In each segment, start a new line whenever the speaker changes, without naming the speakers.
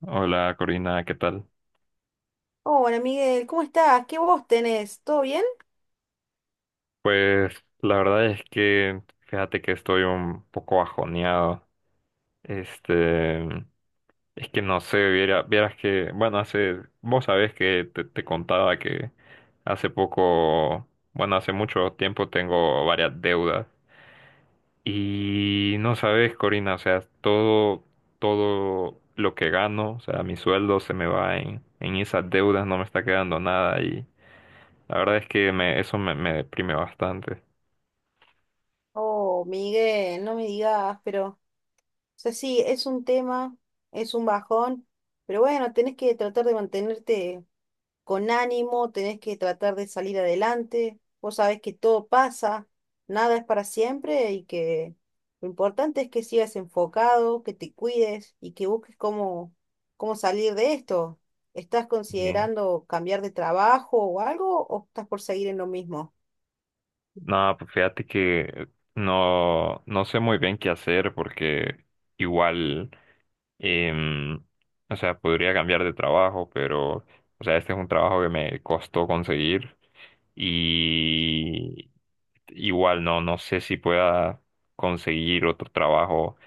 Hola Corina, ¿qué tal?
Hola Miguel, ¿cómo estás? ¿Qué voz tenés? ¿Todo bien?
Pues la verdad es que fíjate que estoy un poco bajoneado. Este, es que no sé, vieras que, bueno, hace, vos sabés que te contaba que hace poco, bueno, hace mucho tiempo tengo varias deudas. Y no sabes, Corina, o sea, todo lo que gano, o sea, mi sueldo se me va en esas deudas, no me está quedando nada y la verdad es que eso me deprime bastante.
Oh, Miguel, no me digas, pero, o sea, sí, es un tema, es un bajón, pero bueno, tenés que tratar de mantenerte con ánimo, tenés que tratar de salir adelante, vos sabés que todo pasa, nada es para siempre y que lo importante es que sigas enfocado, que te cuides y que busques cómo, cómo salir de esto. ¿Estás
Bien.
considerando cambiar de trabajo o algo o estás por seguir en lo mismo?
No, pues fíjate que no sé muy bien qué hacer porque igual, em, o sea, podría cambiar de trabajo, pero, o sea, este es un trabajo que me costó conseguir y igual no sé si pueda conseguir otro trabajo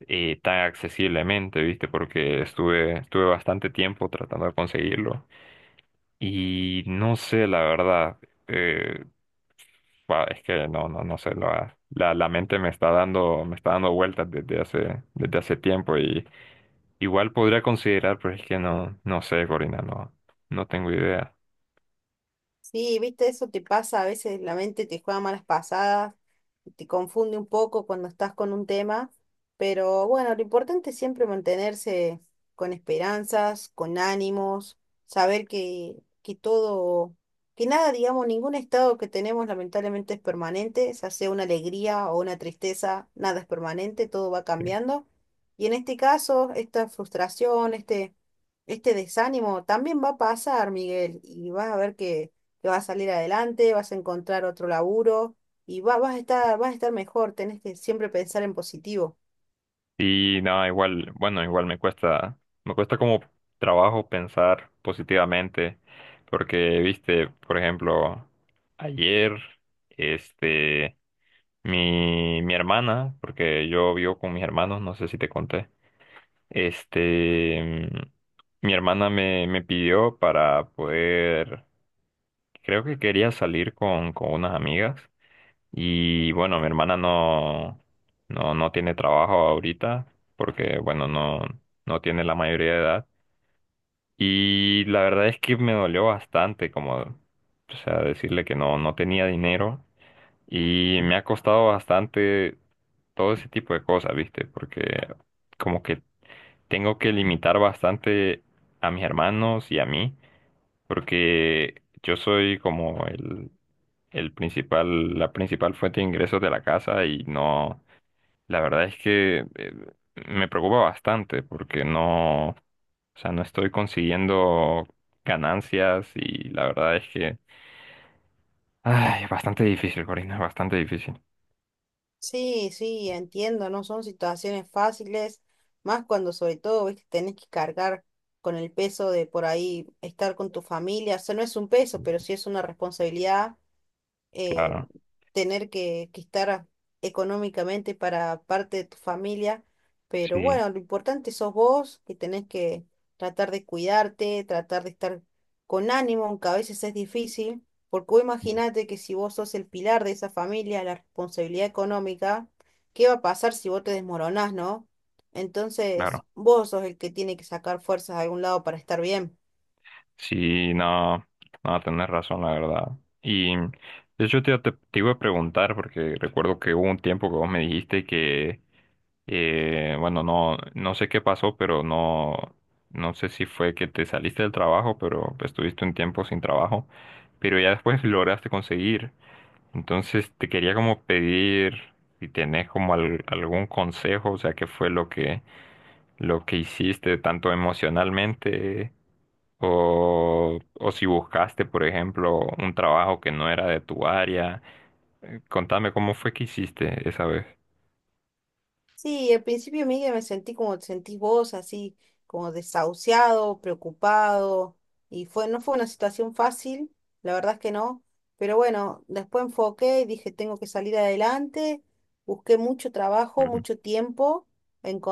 tan accesiblemente, ¿viste? Porque estuve bastante tiempo tratando de conseguirlo y no sé, la verdad. eh, Guau, es que no sé, la mente me está dando vueltas desde desde hace tiempo y igual podría considerar, pero es que no sé, Corina, no, no tengo idea.
Sí, viste, eso te pasa, a veces la mente te juega malas pasadas, te confunde un poco cuando estás con un tema, pero bueno, lo importante es siempre mantenerse con esperanzas, con ánimos, saber que todo, que nada, digamos, ningún estado que tenemos lamentablemente es permanente, ya sea una alegría o una tristeza, nada es permanente, todo va
Sí.
cambiando. Y en este caso, esta frustración, este desánimo también va a pasar, Miguel, y vas a ver que vas a salir adelante, vas a encontrar otro laburo y vas a estar mejor, tenés que siempre pensar en positivo.
Y no, igual, bueno, igual me cuesta como trabajo pensar positivamente, porque, viste, por ejemplo, ayer, este, mi hermana, porque yo vivo con mis hermanos, no sé si te conté. Este, mi hermana me pidió para poder, creo que quería salir con unas amigas y bueno, mi hermana no tiene trabajo ahorita porque bueno, no tiene la mayoría de edad y la verdad es que me dolió bastante como, o sea, decirle que no tenía dinero y me ha costado bastante todo ese tipo de cosas, ¿viste? Porque como que tengo que limitar bastante a mis hermanos y a mí, porque yo soy como el principal, la principal fuente de ingresos de la casa y no, la verdad es que me preocupa bastante porque no, o sea, no estoy consiguiendo ganancias y la verdad es que, ay, es bastante difícil, Corina, es bastante difícil.
Sí, sí, entiendo, no son situaciones fáciles, más cuando sobre todo, ves que tenés que cargar con el peso de por ahí estar con tu familia, o sea, no es un peso, pero sí es una responsabilidad eh,
Claro.
tener que estar económicamente para parte de tu familia, pero
Sí,
bueno, lo importante sos vos, que tenés que tratar de cuidarte, tratar de estar con ánimo, aunque a veces es difícil, porque vos imaginate que si vos sos el pilar de esa familia, la responsabilidad económica, ¿qué va a pasar si vos te desmoronás, no? Entonces,
claro.
vos sos el que tiene que sacar fuerzas de algún lado para estar bien.
Sí, no, no, tenés razón, la verdad. Y de hecho te iba a preguntar, porque recuerdo que hubo un tiempo que vos me dijiste que. Bueno, no sé qué pasó, pero no sé si fue que te saliste del trabajo, pero estuviste un tiempo sin trabajo, pero ya después lograste conseguir. Entonces te quería como pedir si tenés como algún consejo, o sea, qué fue lo que hiciste tanto emocionalmente o si buscaste, por ejemplo, un trabajo que no era de tu área. Contame cómo fue que hiciste esa vez.
Sí, al principio, Miguel, me sentí como te sentís vos, así como desahuciado, preocupado, y fue, no fue una situación fácil, la verdad es que no, pero bueno, después enfoqué y dije, tengo que salir adelante, busqué mucho trabajo,
Ujú.
mucho tiempo,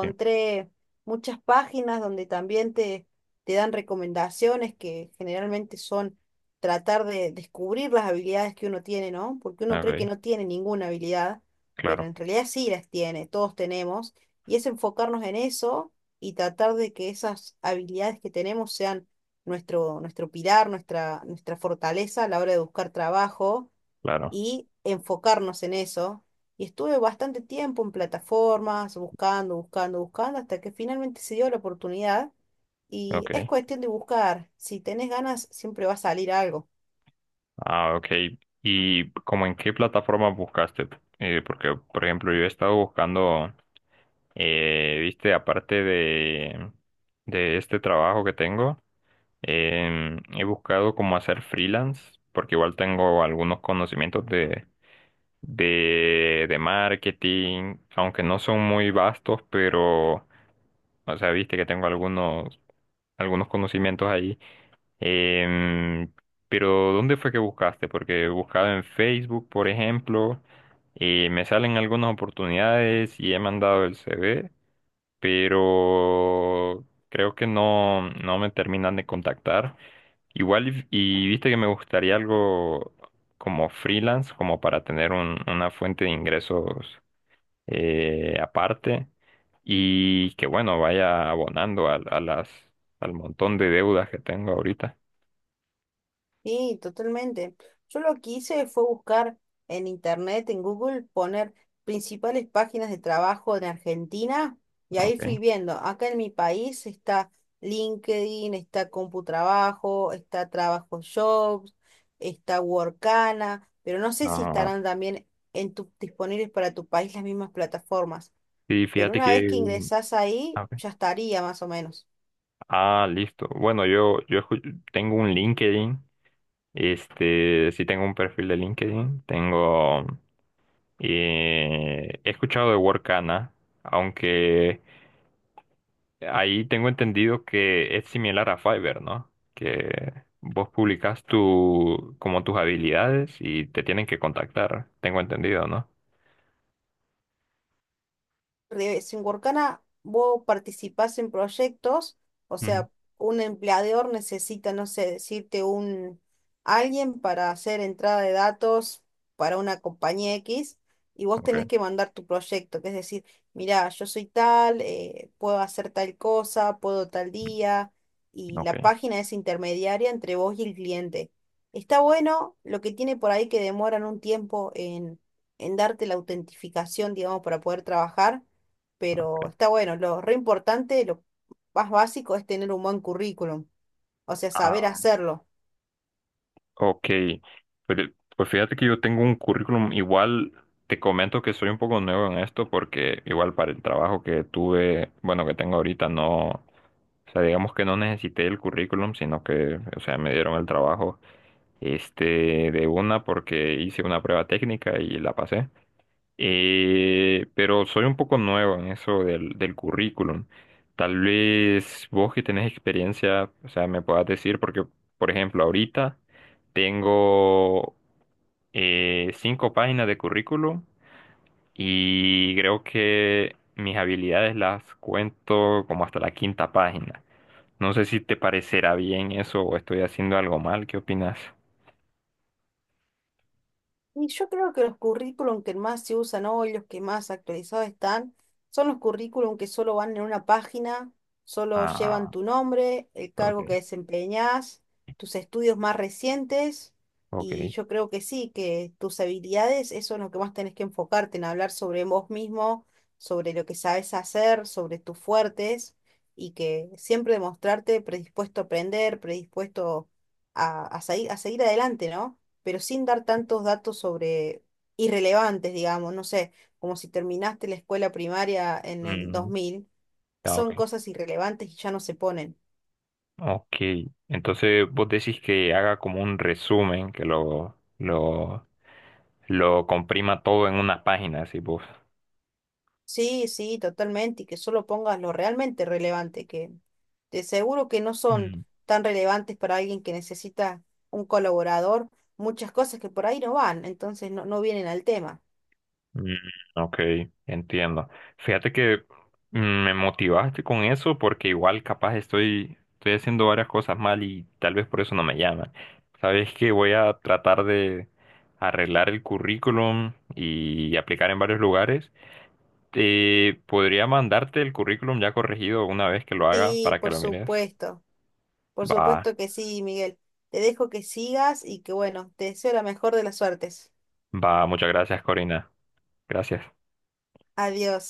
Sí.
muchas páginas donde también te dan recomendaciones que generalmente son tratar de descubrir las habilidades que uno tiene, ¿no? Porque uno cree que
Ok.
no tiene ninguna habilidad pero
Claro,
en realidad sí las tiene, todos tenemos, y es enfocarnos en eso y tratar de que esas habilidades que tenemos sean nuestro, nuestro pilar, nuestra, nuestra fortaleza a la hora de buscar trabajo
claro.
y enfocarnos en eso. Y estuve bastante tiempo en plataformas, buscando, buscando, buscando, hasta que finalmente se dio la oportunidad. Y es
Ok.
cuestión de buscar. Si tenés ganas, siempre va a salir algo.
Ah, ok. ¿Y como en qué plataforma buscaste? Porque, por ejemplo, yo he estado buscando, viste, aparte de este trabajo que tengo, he buscado cómo hacer freelance, porque igual tengo algunos conocimientos de marketing, aunque no son muy vastos, pero, o sea, viste que tengo algunos conocimientos ahí. Em, pero ¿dónde fue que buscaste? Porque buscaba en Facebook, por ejemplo, y me salen algunas oportunidades y he mandado el CV, pero creo que no me terminan de contactar. Igual, y viste que me gustaría algo como freelance, como para tener una fuente de ingresos aparte y que, bueno, vaya abonando a al montón de deudas que tengo ahorita.
Sí, totalmente. Yo lo que hice fue buscar en internet, en Google, poner principales páginas de trabajo en Argentina y ahí
Okay.
fui viendo. Acá en mi país está LinkedIn, está Computrabajo, está Trabajo Jobs, está Workana, pero no sé si estarán también en disponibles para tu país las mismas plataformas.
Sí,
Pero
fíjate
una vez
que...
que
mm,
ingresás ahí,
a ver.
ya estaría más o menos.
Ah, listo. Bueno, tengo un LinkedIn. Este, sí tengo un perfil de LinkedIn. Tengo... he escuchado de Workana, aunque ahí tengo entendido que es similar a Fiverr, ¿no? Que vos publicas tu, como tus habilidades y te tienen que contactar. Tengo entendido, ¿no?
Si en Workana vos participás en proyectos, o
Ujú.
sea, un empleador necesita, no sé, decirte un alguien para hacer entrada de datos para una compañía X y vos
Okay,
tenés que mandar tu proyecto, que es decir, mirá, yo soy tal, puedo hacer tal cosa, puedo tal día, y la
okay.
página es intermediaria entre vos y el cliente. Está bueno, lo que tiene por ahí que demoran un tiempo en darte la autentificación, digamos, para poder trabajar pero
Ok.
está bueno. Lo re importante, lo más básico es tener un buen currículum, o sea, saber
Ah,
hacerlo.
ok, pero, pues fíjate que yo tengo un currículum, igual te comento que soy un poco nuevo en esto porque igual para el trabajo que tuve, bueno, que tengo ahorita, no, o sea, digamos que no necesité el currículum, sino que, o sea, me dieron el trabajo, este, de una porque hice una prueba técnica y la pasé. Pero soy un poco nuevo en eso del currículum. Tal vez vos que tenés experiencia, o sea, me puedas decir, porque, por ejemplo, ahorita tengo cinco páginas de currículum y creo que mis habilidades las cuento como hasta la quinta página. No sé si te parecerá bien eso o estoy haciendo algo mal. ¿Qué opinas?
Y yo creo que los currículum que más se usan hoy, los que más actualizados están, son los currículum que solo van en una página, solo llevan
Ah,
tu nombre, el
ok,
cargo que desempeñas, tus estudios más recientes, y
ok.
yo creo que sí, que tus habilidades, eso es lo que más tenés que enfocarte, en hablar sobre vos mismo, sobre lo que sabes hacer, sobre tus fuertes, y que siempre demostrarte predispuesto a aprender, predispuesto a a seguir adelante, ¿no? Pero sin dar tantos datos sobre irrelevantes, digamos, no sé, como si terminaste la escuela primaria en el dos
Mm,
mil
ah,
son
ok.
cosas irrelevantes y ya no se ponen.
Ok, entonces vos decís que haga como un resumen, que lo comprima todo en una página, así vos.
Sí, sí, totalmente, y que solo pongas lo realmente relevante, que de seguro que no son
Mm.
tan relevantes para alguien que necesita un colaborador, muchas cosas que por ahí no van, entonces no, no vienen al tema.
Mm, ok, entiendo. Fíjate que mm, me motivaste con eso porque igual capaz estoy, estoy haciendo varias cosas mal y tal vez por eso no me llaman. Sabes que voy a tratar de arreglar el currículum y aplicar en varios lugares. Podría mandarte el currículum ya corregido una vez que lo haga
Sí,
para que lo mires.
por
Va,
supuesto que sí, Miguel. Te dejo que sigas y que bueno, te deseo la mejor de las suertes.
va, muchas gracias, Corina. Gracias.
Adiós.